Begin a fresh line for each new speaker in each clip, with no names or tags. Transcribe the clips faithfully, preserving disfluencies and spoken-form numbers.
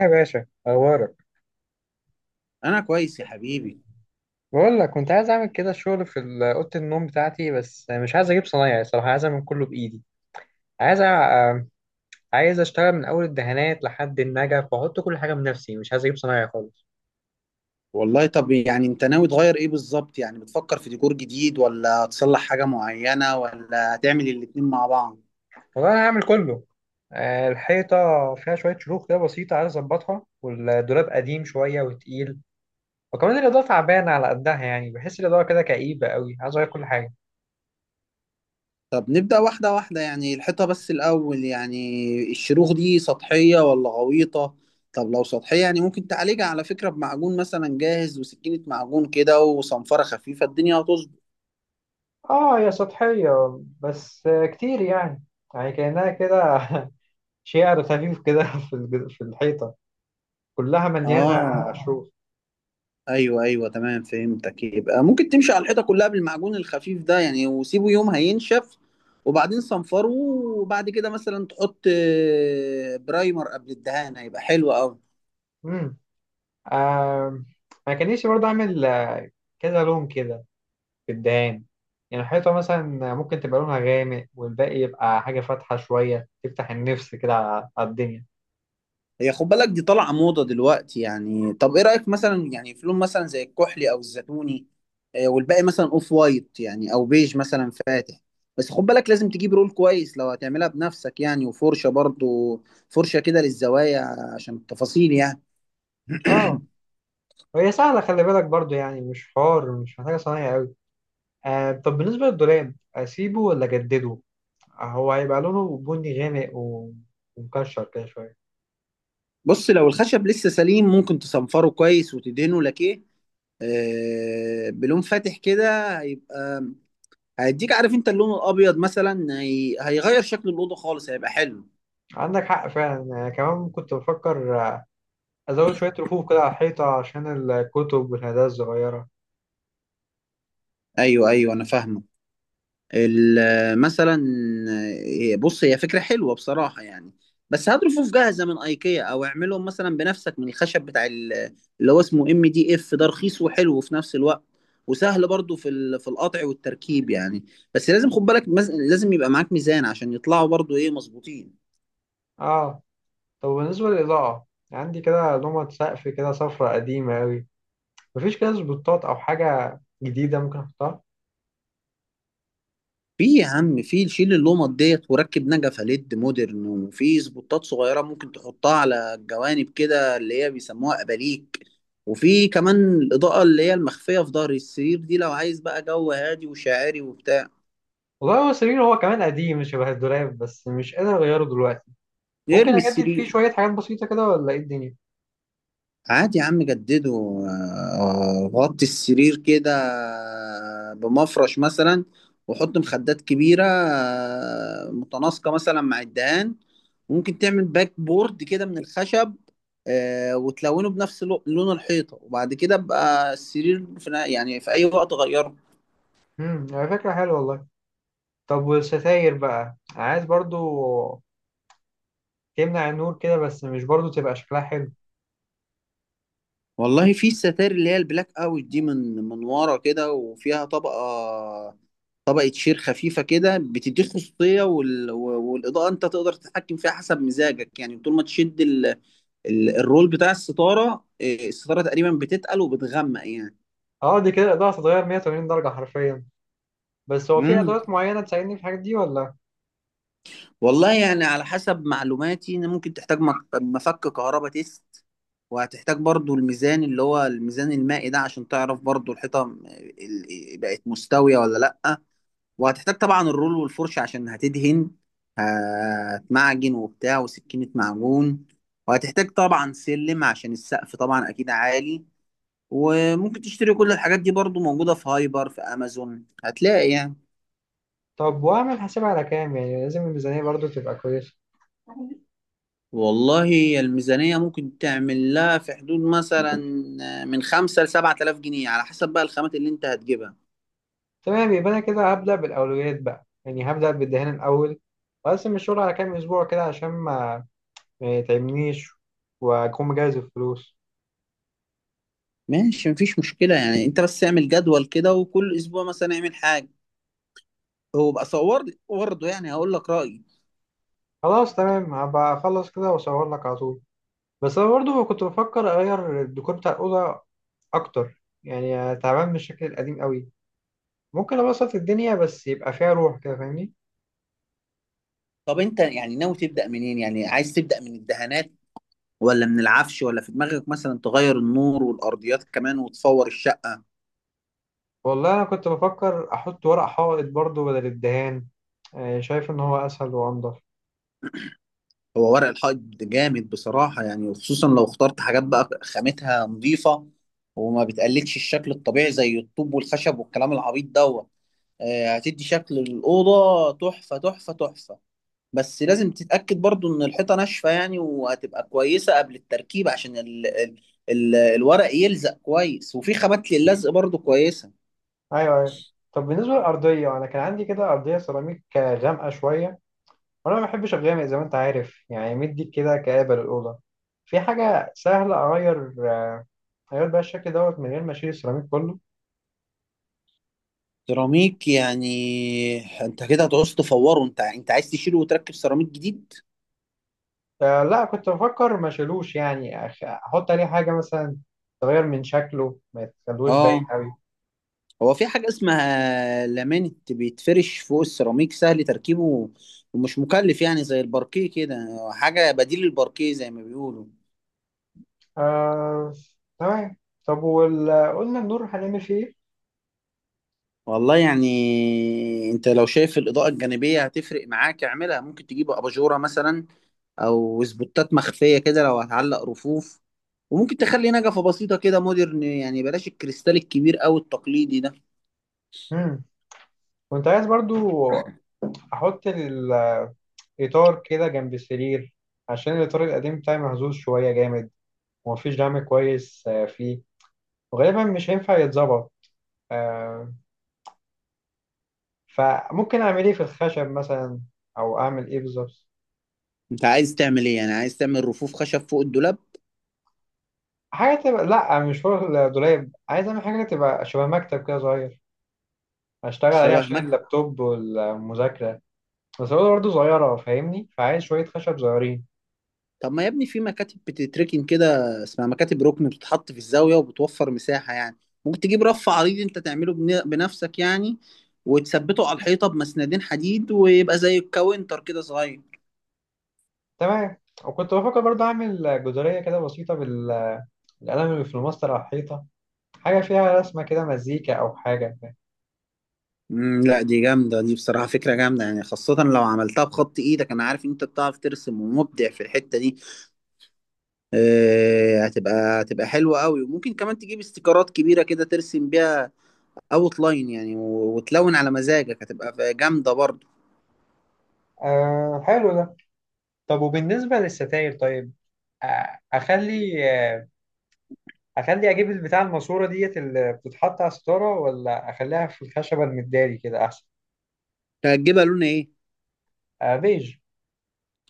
يا باشا اخبارك.
انا كويس يا حبيبي.
بقول لك كنت عايز اعمل كده شغل في ال- اوضه النوم بتاعتي، بس مش عايز اجيب صنايعي، صراحه عايز اعمل كله بايدي. عايز أ... آه، عايز اشتغل من اول الدهانات لحد النجف واحط كل حاجه بنفسي، مش عايز اجيب صنايعي خالص.
والله طب يعني انت ناوي تغير ايه بالظبط؟ يعني بتفكر في ديكور جديد ولا تصلح حاجة معينة ولا هتعمل الاتنين مع بعض؟
والله انا هعمل كله. آه، الحيطه فيها شويه شروخ كده بسيطه عايز اظبطها، والدولاب قديم شويه وتقيل، وكمان الاضاءه تعبانه على قدها، يعني بحس الاضاءه كده كئيبه قوي، عايز اغير كل حاجه.
طب نبدأ واحدة واحدة يعني الحيطة بس الأول، يعني الشروخ دي سطحية ولا غويطة؟ طب لو سطحية، يعني ممكن تعالجها على فكرة بمعجون مثلا جاهز وسكينة معجون كده وصنفرة خفيفة، الدنيا هتظبط.
اه، هي سطحيه بس كتير يعني. يعني كأنها كده شعر خفيف كده في الج- في الحيطة كلها مليانة
اه،
شروخ.
ايوه ايوه تمام، فهمتك. يبقى ممكن تمشي على الحيطه كلها بالمعجون الخفيف ده يعني، وسيبه يوم هينشف، وبعدين صنفره، وبعد كده مثلا تحط آه، برايمر قبل الدهان، هيبقى حلو قوي.
امم آم، ما كان نفسي برضه أعمل آه، كذا لون كده في الدهان. يعني الحيطة مثلا ممكن تبقى لونها غامق والباقي يبقى حاجة فاتحة شوية، تفتح النفس كده على على الدنيا.
هي خد بالك دي طالعه موضه دلوقتي يعني. طب ايه رايك مثلا يعني في لون مثلا زي الكحلي او الزيتوني، آه، والباقي مثلا اوف وايت يعني او بيج مثلا فاتح. بس خد بالك لازم تجيب رول كويس لو هتعملها بنفسك يعني، وفرشه برضو، فرشه كده للزوايا عشان التفاصيل يعني.
اه. وهي سهلة، خلي بالك برضه يعني، مش حوار، مش محتاجة صنايع أوي. آه، طب بالنسبة للدولاب أسيبه ولا أجدده؟ آه، هو هيبقى لونه بني غامق و- ومكشر كده شوية.
بص لو الخشب لسه سليم ممكن تصنفره كويس وتدهنه لكيه، آه، بلون فاتح كده، هيبقى هيديك، عارف انت اللون الابيض مثلا هي... هيغير شكل الاوضه خالص، هيبقى حلو.
عندك حق فعلا، أنا كمان كنت بفكر أزود شوية رفوف كده على الحيطة عشان الكتب والهدايا الصغيرة.
ايوه ايوه انا فاهمك. ال- مثلا آه، بص، هي فكرة حلوة بصراحة يعني، بس هات رفوف جاهزة من ايكيا او اعملهم مثلا بنفسك من الخشب بتاع ال- اللي هو اسمه ام دي اف، ده رخيص وحلو في نفس الوقت، وسهل برضو في ال- في القطع والتركيب يعني. بس لازم خد بالك مز- لازم يبقى معاك ميزان عشان يطلعوا برضو ايه مظبوطين.
آه، طب بالنسبة للإضاءة، عندي كده لومة سقف كده صفرة قديمة أوي، مفيش كده سبوتات أو حاجة جديدة ممكن أحطها.
في يا عم في، شيل اللومات ديت وركب نجفة ليد مودرن، وفي سبوتات صغيرة ممكن تحطها على الجوانب كده، اللي هي بيسموها أباليك، وفي كمان الإضاءة اللي هي المخفية في ظهر السرير دي لو عايز بقى جو هادي وشاعري وبتاع.
والله هو السرير هو كمان قديم شبه الدولاب، بس مش قادر أغيره دلوقتي. ممكن
ارمي
أجدد فيه
السرير.
شوية حاجات بسيطة كده، ولا إيه الدنيا؟
عادي يا عم جدده، آه، غطي السرير كده بمفرش مثلا، وحط مخدات كبيرة آه، متناسقة مثلا مع الدهان. ممكن تعمل باك بورد كده من الخشب آه، وتلونه بنفس لو- لون الحيطة، وبعد كده بقى السرير في يعني في أي وقت غيره.
امم، على فكرة حلوة والله. طب والستاير بقى، عايز برضو تمنع النور كده، بس مش برضو تبقى شكلها حلو.
والله في الستائر اللي هي البلاك اوت دي، من من ورا كده، وفيها طبقة طبقة شير خفيفة كده بتديك خصوصية، وال... والإضاءة أنت تقدر تتحكم فيها حسب مزاجك يعني، طول ما تشد ال... ال... الرول بتاع الستارة إيه، الستارة تقريبا بتتقل وبتغمق يعني.
اه، دي كده الإضاءة هتتغير مية وتمانين درجة حرفيا. بس هو في
امم
ادوات معينه تساعدني في الحاجات دي ولا؟
والله يعني على حسب معلوماتي إن ممكن تحتاج مك... مفك كهرباء تيست، وهتحتاج برضو الميزان اللي هو الميزان المائي ده عشان تعرف برضو الحيطة م- ال- بقت مستوية ولا لأ. وهتحتاج طبعا الرول والفرشة عشان هتدهن، هتمعجن وبتاع وسكينة معجون، وهتحتاج طبعا سلم عشان السقف طبعا أكيد عالي. وممكن تشتري كل الحاجات دي برضو، موجودة في هايبر، في أمازون هتلاقي يعني.
طب واعمل حساب على كام؟ يعني لازم الميزانيه برضو تبقى كويسه.
والله الميزانية ممكن تعمل لها في حدود مثلا من خمسة لسبعة آلاف جنيه، على حسب بقى الخامات اللي أنت هتجيبها.
تمام، يبقى انا كده هبدا بالاولويات بقى، يعني هبدا بالدهان الاول، واقسم الشغل على كام اسبوع كده عشان ما ما يتعبنيش، واكون مجهز الفلوس.
ماشي، مفيش مشكلة يعني. أنت بس اعمل جدول كده، وكل أسبوع مثلا اعمل حاجة. هو بقى صور لي برضه يعني هقول لك رأيي.
خلاص تمام، هبقى اخلص كده واصور لك على طول. بس انا برضو كنت بفكر اغير الديكور بتاع الاوضه اكتر، يعني تعبان من الشكل القديم قوي. ممكن ابسط الدنيا بس يبقى فيها روح كده، فاهمني.
طب انت يعني ناوي تبدأ منين؟ يعني عايز تبدأ من الدهانات ولا من العفش، ولا في دماغك مثلا تغير النور والأرضيات كمان وتفور الشقة؟
والله أنا كنت بفكر أحط ورق حائط برضو بدل الدهان، آه، شايف إن هو أسهل وأنضف.
هو ورق الحائط جامد بصراحة يعني، وخصوصا لو اخترت حاجات بقى خامتها نظيفة، وما بتقلدش الشكل الطبيعي زي الطوب والخشب والكلام العبيط دوت، آه، هتدي شكل الأوضة تحفة تحفة تحفة. بس لازم تتأكد برضو ان الحيطة ناشفة يعني، وهتبقى كويسة قبل التركيب، عشان ال ال ال الورق يلزق كويس، وفي خامات للزق برضو كويسة.
ايوه ايوه. طب بالنسبة للأرضية، أنا كان عندي كده أرضية سيراميك آه، غامقة شوية، وأنا ما بحبش الغامق زي ما أنت عارف، يعني مدي كده كآبة للأوضة. في حاجة سهلة أغير آه، أغير بقى الشكل دوت من غير ما أشيل السيراميك كله؟
سيراميك يعني؟ انت كده هتعوز تفوره. انت انت عايز تشيله وتركب سيراميك جديد؟
آه لا، كنت بفكر ما أشيلوش يعني، أخ- أحط عليه حاجة مثلا تغير من شكله ما يتخلوش باين
اه،
أوي.
هو في حاجة اسمها لامينت، بيتفرش فوق السيراميك، سهل تركيبه ومش مكلف يعني، زي الباركيه كده، حاجة بديل للباركيه زي ما بيقولوا.
آه، تمام. طب وال- قلنا النور هنعمل فيه إيه؟
والله يعني انت لو شايف الاضاءه الجانبيه هتفرق معاك اعملها، ممكن تجيب اباجوره مثلا او سبوتات مخفيه كده لو هتعلق رفوف. وممكن تخلي نجفه بسيطه كده مودرن يعني، بلاش الكريستال الكبير او التقليدي ده.
امم، كنت عايز برضو احط الاطار كده جنب السرير، عشان الاطار القديم بتاعي مهزوز شويه جامد، ومفيش دعم كويس آه، فيه، وغالبا مش هينفع يتظبط. آه، فممكن اعمل ايه في الخشب مثلا، او اعمل ايه بالظبط؟
انت عايز تعمل ايه يعني؟ عايز تعمل رفوف خشب فوق الدولاب؟
حاجه تبقى، لا مش شغل دولاب، عايز اعمل حاجه تبقى شبه مكتب كده صغير، اشتغل عليه
شبه؟
عشان اللابتوب والمذاكره. بس هو برضه صغيره فاهمني، فعايز شويه خشب صغيرين.
طب ما يا ابني في مكاتب بتتركن كده، اسمها مكاتب ركن، بتتحط في الزاوية وبتوفر مساحة يعني. ممكن تجيب رف عريض انت تعمله بن- بنفسك يعني، وتثبته على الحيطة بمسندين حديد، ويبقى زي الكاونتر كده صغير.
تمام. وكنت بفكر برضه اعمل جداريه كده بسيطه بال القلم اللي في الماستر على الحيطة، حاجة فيها رسمة كده مزيكا أو حاجة.
امم لا، دي جامدة دي بصراحة، فكرة جامدة يعني، خاصة لو عملتها بخط ايدك. انا عارف ان انت بتعرف ترسم ومبدع في الحتة دي، آه، هتبقى هتبقى حلوة قوي. وممكن كمان تجيب استيكرات كبيرة كده ترسم بيها اوت لاين يعني، و- وتلون على مزاجك، هتبقى جامدة برضه.
آه حلو ده. طب وبالنسبة للستاير طيب، آه، أخلي آه، أخلي أجيب البتاع الماسورة ديت اللي بتتحط على الستارة، ولا أخليها في الخشبة المداري كده أحسن؟
هتجيبها لون ايه؟
آه بيج.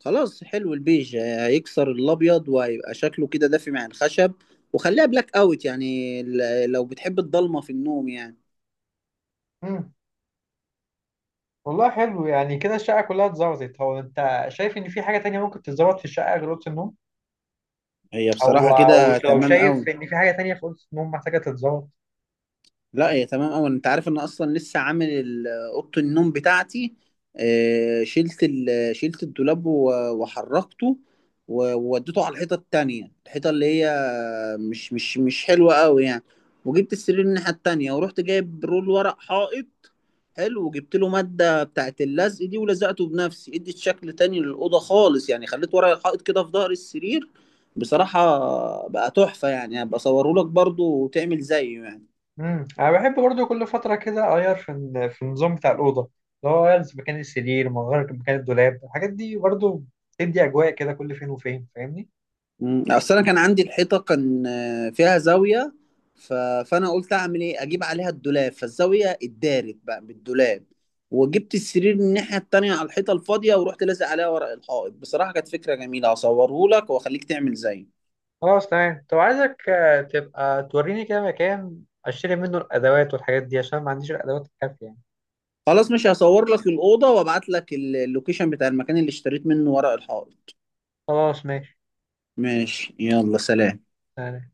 خلاص، حلو، البيج هيكسر الابيض وهيبقى شكله كده دافي مع الخشب. وخليها بلاك اوت يعني ل- لو بتحب الضلمه في النوم يعني.
مم. والله حلو، يعني كده الشقة كلها اتظبطت. هو أنت شايف إن في حاجة تانية ممكن تتظبط في الشقة غير أوضة النوم؟
هي
أو
بصراحه
أو
كده
أو
تمام
شايف
قوي.
إن في حاجة تانية في أوضة النوم محتاجة تتظبط؟
لا هي تمام أوي. أنت عارف إن أصلا لسه عامل ال- أوضة النوم بتاعتي، آه، شلت ال- شلت الدولاب و- وحركته و- ووديته على الحيطة التانية، الحيطة اللي هي مش مش مش حلوة أوي يعني، وجبت السرير الناحية التانية، ورحت جايب رول ورق حائط حلو، وجبت له مادة بتاعت اللزق دي، ولزقته بنفسي، اديت شكل تاني للأوضة خالص يعني. خليت ورق الحائط كده في ظهر السرير، بصراحة بقى تحفة يعني، هبقى أصوره لك برضه وتعمل زيه يعني.
امم، انا بحب برضو كل فتره كده اغير في ال- في النظام بتاع الاوضه، اللي هو اغير في مكان السرير، اغير في مكان الدولاب، الحاجات دي برضو بتدي اجواء كده كل فين وفين، فاهمني.
مم. اصل انا كان عندي الحيطه كان آه، فيها زاويه، ف... فانا قلت اعمل ايه، اجيب عليها الدولاب، فالزاويه اتدارت بقى بالدولاب، وجبت السرير من الناحيه التانيه على الحيطه الفاضيه، ورحت لازق عليها ورق الحائط. بصراحه كانت فكره جميله، هصوره لك واخليك تعمل زيه.
خلاص تمام. طب عايزك آه، تبقى توريني كده مكان اشتري منه الادوات والحاجات دي، عشان ما عنديش الادوات الكافيه يعني.
خلاص، مش هصور لك الاوضه وابعت لك ال- اللوكيشن بتاع المكان اللي اشتريت منه ورق الحائط.
خلاص ماشي.
ماشي، يلا سلام.
تمام.